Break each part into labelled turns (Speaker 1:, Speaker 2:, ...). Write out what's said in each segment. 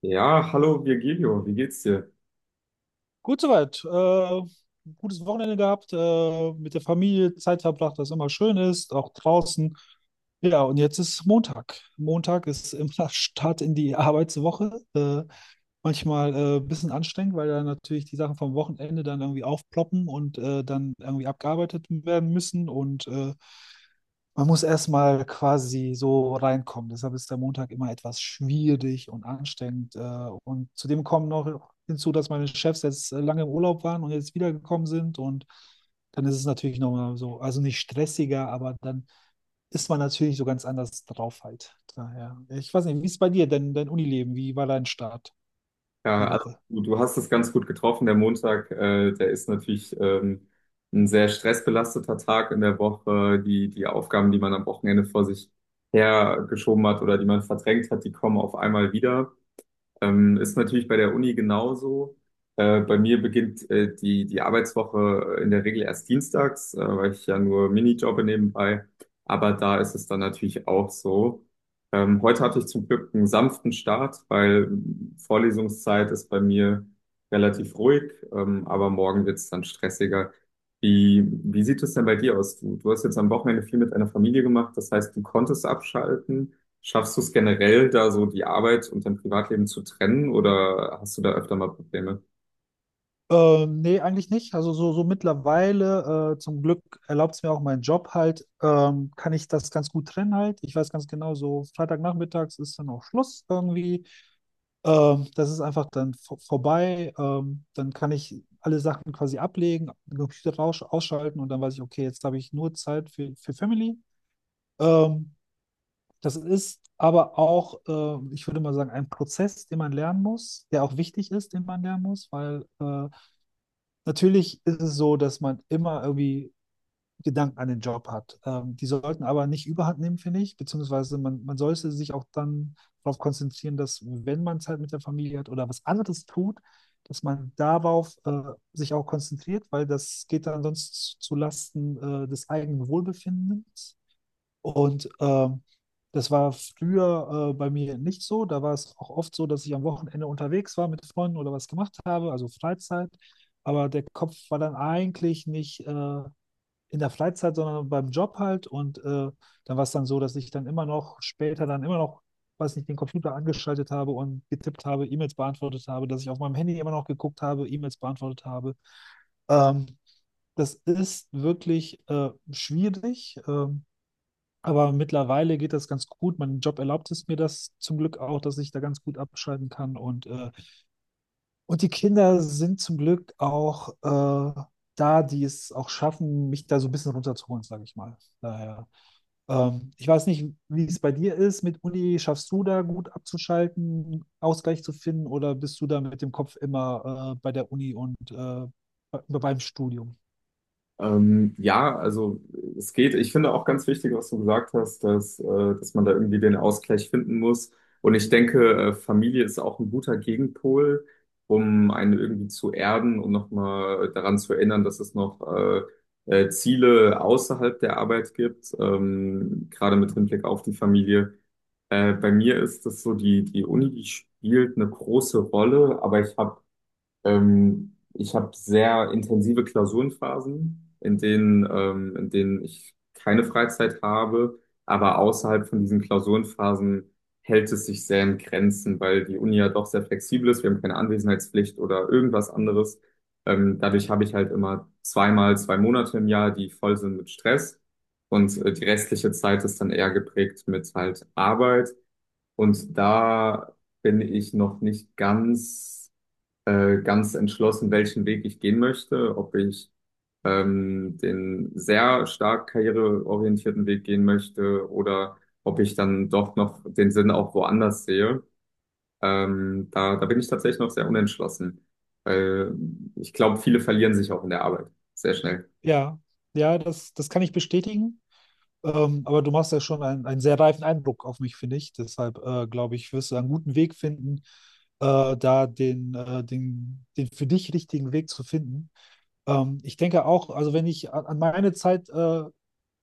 Speaker 1: Ja, hallo Virgilio, wie geht's dir?
Speaker 2: Gut soweit. Gutes Wochenende gehabt, mit der Familie Zeit verbracht, was immer schön ist, auch draußen. Ja, und jetzt ist Montag. Montag ist immer Start in die Arbeitswoche. Manchmal ein bisschen anstrengend, weil dann natürlich die Sachen vom Wochenende dann irgendwie aufploppen und dann irgendwie abgearbeitet werden müssen. Und man muss erstmal quasi so reinkommen. Deshalb ist der Montag immer etwas schwierig und anstrengend. Und zudem kommen noch hinzu, dass meine Chefs jetzt lange im Urlaub waren und jetzt wiedergekommen sind. Und dann ist es natürlich nochmal so, also nicht stressiger, aber dann ist man natürlich so ganz anders drauf halt. Daher. Ich weiß nicht, wie ist bei dir denn dein Unileben? Wie war dein Start
Speaker 1: Ja,
Speaker 2: die
Speaker 1: also
Speaker 2: Woche?
Speaker 1: du hast es ganz gut getroffen. Der Montag, der ist natürlich ein sehr stressbelasteter Tag in der Woche. Die Aufgaben, die man am Wochenende vor sich hergeschoben hat oder die man verdrängt hat, die kommen auf einmal wieder. Ist natürlich bei der Uni genauso. Bei mir beginnt die Arbeitswoche in der Regel erst dienstags, weil ich ja nur Minijobbe nebenbei. Aber da ist es dann natürlich auch so. Heute hatte ich zum Glück einen sanften Start, weil Vorlesungszeit ist bei mir relativ ruhig. Aber morgen wird es dann stressiger. Wie sieht es denn bei dir aus? Du hast jetzt am Wochenende viel mit deiner Familie gemacht. Das heißt, du konntest abschalten. Schaffst du es generell, da so die Arbeit und dein Privatleben zu trennen oder hast du da öfter mal Probleme?
Speaker 2: Nee, eigentlich nicht. Also so, so mittlerweile, zum Glück erlaubt es mir auch mein Job halt, kann ich das ganz gut trennen halt. Ich weiß ganz genau, so Freitagnachmittags ist dann auch Schluss irgendwie. Das ist einfach dann vorbei. Dann kann ich alle Sachen quasi ablegen, den Computer raus ausschalten und dann weiß ich, okay, jetzt habe ich nur Zeit für Family. Ähm, Das ist aber auch, ich würde mal sagen, ein Prozess, den man lernen muss, der auch wichtig ist, den man lernen muss, weil natürlich ist es so, dass man immer irgendwie Gedanken an den Job hat. Die sollten aber nicht überhand nehmen, finde ich, beziehungsweise man sollte sich auch dann darauf konzentrieren, dass wenn man Zeit mit der Familie hat oder was anderes tut, dass man darauf sich auch konzentriert, weil das geht dann sonst zu Lasten des eigenen Wohlbefindens. Und das war früher bei mir nicht so. Da war es auch oft so, dass ich am Wochenende unterwegs war mit Freunden oder was gemacht habe, also Freizeit. Aber der Kopf war dann eigentlich nicht in der Freizeit, sondern beim Job halt. Und dann war es dann so, dass ich dann immer noch später dann immer noch, weiß nicht, den Computer angeschaltet habe und getippt habe, E-Mails beantwortet habe, dass ich auf meinem Handy immer noch geguckt habe, E-Mails beantwortet habe. Ähm, Das ist wirklich schwierig. Aber mittlerweile geht das ganz gut. Mein Job erlaubt es mir das zum Glück auch, dass ich da ganz gut abschalten kann. Und die Kinder sind zum Glück auch da, die es auch schaffen, mich da so ein bisschen runterzuholen, sage ich mal. Daher, ich weiß nicht, wie es bei dir ist mit Uni. Schaffst du da gut abzuschalten, Ausgleich zu finden oder bist du da mit dem Kopf immer bei der Uni und beim Studium?
Speaker 1: Ja, also es geht. Ich finde auch ganz wichtig, was du gesagt hast, dass man da irgendwie den Ausgleich finden muss. Und ich denke, Familie ist auch ein guter Gegenpol, um einen irgendwie zu erden und nochmal daran zu erinnern, dass es noch Ziele außerhalb der Arbeit gibt, gerade mit Hinblick auf die Familie. Bei mir ist das so, die Uni, die spielt eine große Rolle, aber ich habe ich hab sehr intensive Klausurenphasen, in denen ich keine Freizeit habe, aber außerhalb von diesen Klausurenphasen hält es sich sehr in Grenzen, weil die Uni ja doch sehr flexibel ist, wir haben keine Anwesenheitspflicht oder irgendwas anderes. Dadurch habe ich halt immer zweimal zwei Monate im Jahr, die voll sind mit Stress und die restliche Zeit ist dann eher geprägt mit halt Arbeit. Und da bin ich noch nicht ganz, ganz entschlossen, welchen Weg ich gehen möchte, ob ich den sehr stark karriereorientierten Weg gehen möchte oder ob ich dann doch noch den Sinn auch woanders sehe. Da bin ich tatsächlich noch sehr unentschlossen, weil ich glaube, viele verlieren sich auch in der Arbeit sehr schnell.
Speaker 2: Ja, ja, das kann ich bestätigen. Aber du machst ja schon einen sehr reifen Eindruck auf mich, finde ich. Deshalb glaube ich, wirst du einen guten Weg finden, den für dich richtigen Weg zu finden. Ich denke auch, also wenn ich an meine Zeit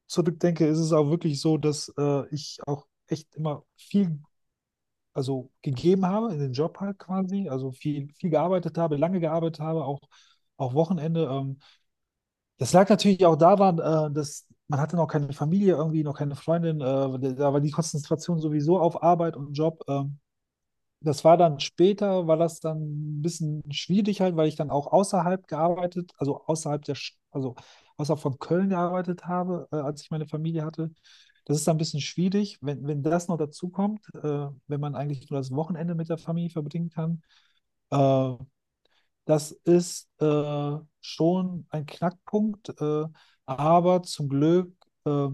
Speaker 2: zurückdenke, ist es auch wirklich so, dass ich auch echt immer viel, also gegeben habe in den Job halt quasi, also viel gearbeitet habe, lange gearbeitet habe, auch Wochenende. Das lag natürlich auch daran, dass man hatte noch keine Familie irgendwie, noch keine Freundin. Da war die Konzentration sowieso auf Arbeit und Job. Das war dann später, war das dann ein bisschen schwierig halt, weil ich dann auch außerhalb gearbeitet, also außerhalb also außerhalb von Köln gearbeitet habe, als ich meine Familie hatte. Das ist dann ein bisschen schwierig, wenn das noch dazu kommt, wenn man eigentlich nur das Wochenende mit der Familie verbringen kann. Äh, Das ist schon ein Knackpunkt, aber zum Glück, äh,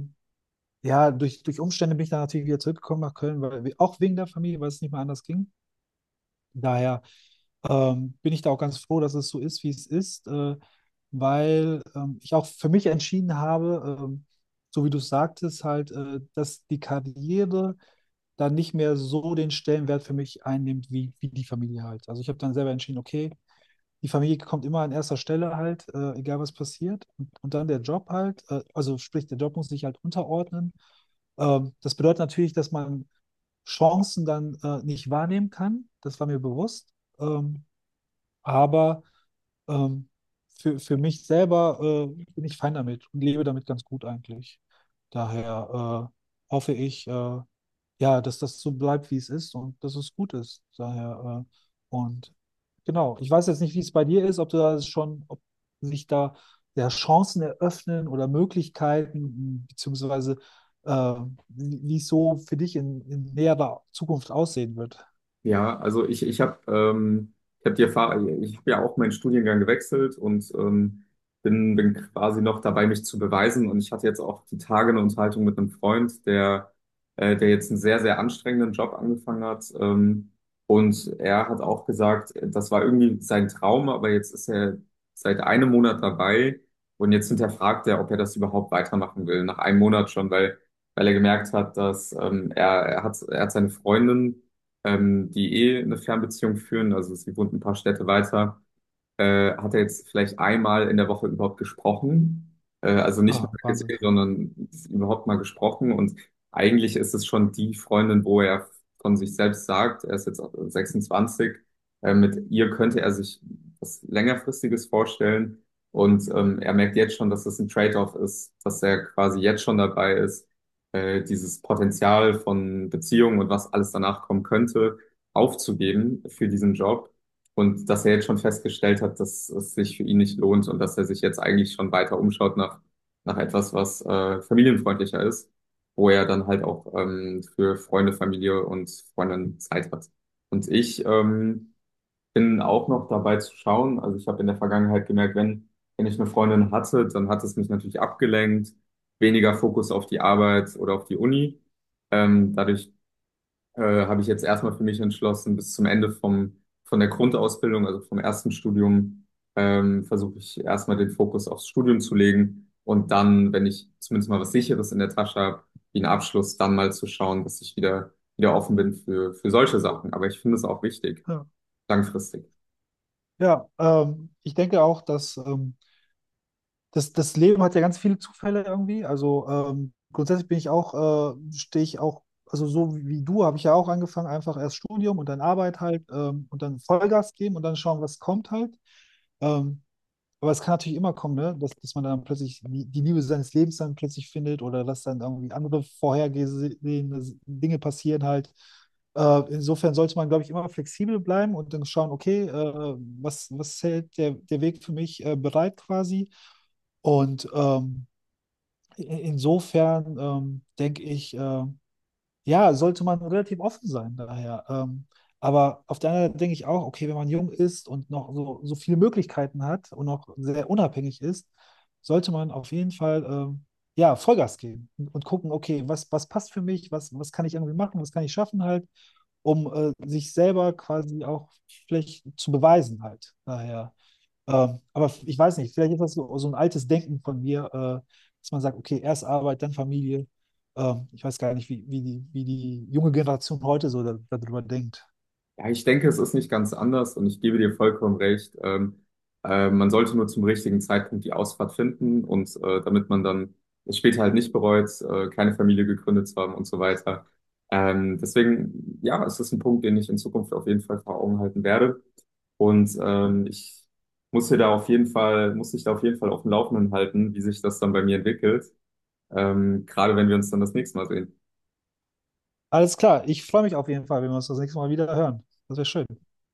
Speaker 2: ja, durch Umstände bin ich dann natürlich wieder zurückgekommen nach Köln, auch wegen der Familie, weil es nicht mehr anders ging. Daher bin ich da auch ganz froh, dass es so ist, wie es ist, weil ich auch für mich entschieden habe, so wie du es sagtest, halt, dass die Karriere dann nicht mehr so den Stellenwert für mich einnimmt, wie die Familie halt. Also ich habe dann selber entschieden, okay, die Familie kommt immer an erster Stelle halt, egal was passiert. Und dann der Job halt, also sprich, der Job muss sich halt unterordnen. Das bedeutet natürlich, dass man Chancen dann nicht wahrnehmen kann. Das war mir bewusst. Ähm, aber ähm, für mich selber bin ich fein damit und lebe damit ganz gut eigentlich. Daher hoffe ich, ja, dass das so bleibt, wie es ist und dass es gut ist. Daher, und genau, ich weiß jetzt nicht, wie es bei dir ist, ob du da schon, ob sich da ja, Chancen eröffnen oder Möglichkeiten, beziehungsweise äh, wie wie es so für dich in näherer Zukunft aussehen wird.
Speaker 1: Ja, also ich habe ich hab die Erfahrung, also ich habe ja auch meinen Studiengang gewechselt und bin quasi noch dabei, mich zu beweisen. Und ich hatte jetzt auch die Tage eine Unterhaltung mit einem Freund, der jetzt einen sehr, sehr anstrengenden Job angefangen hat. Und er hat auch gesagt, das war irgendwie sein Traum, aber jetzt ist er seit einem Monat dabei und jetzt hinterfragt er, ob er das überhaupt weitermachen will, nach einem Monat schon, weil er gemerkt hat, dass er hat seine Freundin die eh eine Fernbeziehung führen. Also sie wohnt ein paar Städte weiter, hat er jetzt vielleicht einmal in der Woche überhaupt gesprochen. Also nicht mal
Speaker 2: Ah, Wahnsinn.
Speaker 1: gesehen, sondern überhaupt mal gesprochen. Und eigentlich ist es schon die Freundin, wo er von sich selbst sagt, er ist jetzt auch 26, mit ihr könnte er sich was längerfristiges vorstellen. Und er merkt jetzt schon, dass das ein Trade-off ist, dass er quasi jetzt schon dabei ist, dieses Potenzial von Beziehungen und was alles danach kommen könnte, aufzugeben für diesen Job. Und dass er jetzt schon festgestellt hat, dass es sich für ihn nicht lohnt und dass er sich jetzt eigentlich schon weiter umschaut nach etwas, was familienfreundlicher ist, wo er dann halt auch für Freunde, Familie und Freundinnen Zeit hat. Und ich bin auch noch dabei zu schauen. Also ich habe in der Vergangenheit gemerkt, wenn ich eine Freundin hatte, dann hat es mich natürlich abgelenkt, weniger Fokus auf die Arbeit oder auf die Uni. Dadurch habe ich jetzt erstmal für mich entschlossen, bis zum Ende von der Grundausbildung, also vom ersten Studium, versuche ich erstmal den Fokus aufs Studium zu legen und dann, wenn ich zumindest mal was Sicheres in der Tasche habe, wie einen Abschluss, dann mal zu schauen, dass ich wieder offen bin für solche Sachen. Aber ich finde es auch wichtig,
Speaker 2: Ja,
Speaker 1: langfristig.
Speaker 2: ja ich denke auch, dass das Leben hat ja ganz viele Zufälle irgendwie. Also grundsätzlich bin ich auch, also so wie du habe ich ja auch angefangen, einfach erst Studium und dann Arbeit halt und dann Vollgas geben und dann schauen, was kommt halt. Ähm, aber es kann natürlich immer kommen, ne? Dass man dann plötzlich die die Liebe seines Lebens dann plötzlich findet oder dass dann irgendwie andere vorhergesehene Dinge passieren halt. Insofern sollte man, glaube ich, immer flexibel bleiben und dann schauen, okay, was hält der Weg für mich bereit quasi? Und insofern denke ich, ja, sollte man relativ offen sein daher. Aber auf der anderen Seite denke ich auch, okay, wenn man jung ist und noch so, so viele Möglichkeiten hat und noch sehr unabhängig ist, sollte man auf jeden Fall ja, Vollgas geben und gucken, okay, was passt für mich, was kann ich irgendwie machen, was kann ich schaffen halt, um sich selber quasi auch vielleicht zu beweisen halt. Daher. Ich weiß nicht, vielleicht ist das so, so ein altes Denken von mir, dass man sagt, okay, erst Arbeit, dann Familie. Ich weiß gar nicht, wie die junge Generation heute so da, darüber denkt.
Speaker 1: Ja, ich denke, es ist nicht ganz anders und ich gebe dir vollkommen recht. Man sollte nur zum richtigen Zeitpunkt die Ausfahrt finden und damit man dann es später halt nicht bereut, keine Familie gegründet zu haben und so weiter. Deswegen, ja, es ist ein Punkt, den ich in Zukunft auf jeden Fall vor Augen halten werde. Und ich muss hier da auf jeden Fall, muss dich da auf jeden Fall auf dem Laufenden halten, wie sich das dann bei mir entwickelt. Gerade wenn wir uns dann das nächste Mal sehen.
Speaker 2: Alles klar, ich freue mich auf jeden Fall, wenn wir uns das nächste Mal wieder hören. Das wäre schön.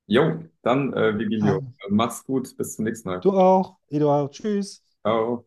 Speaker 1: Jo, dann, Vigilio,
Speaker 2: Also,
Speaker 1: mach's gut, bis zum nächsten Mal.
Speaker 2: du auch, Eduard, tschüss.
Speaker 1: Ciao.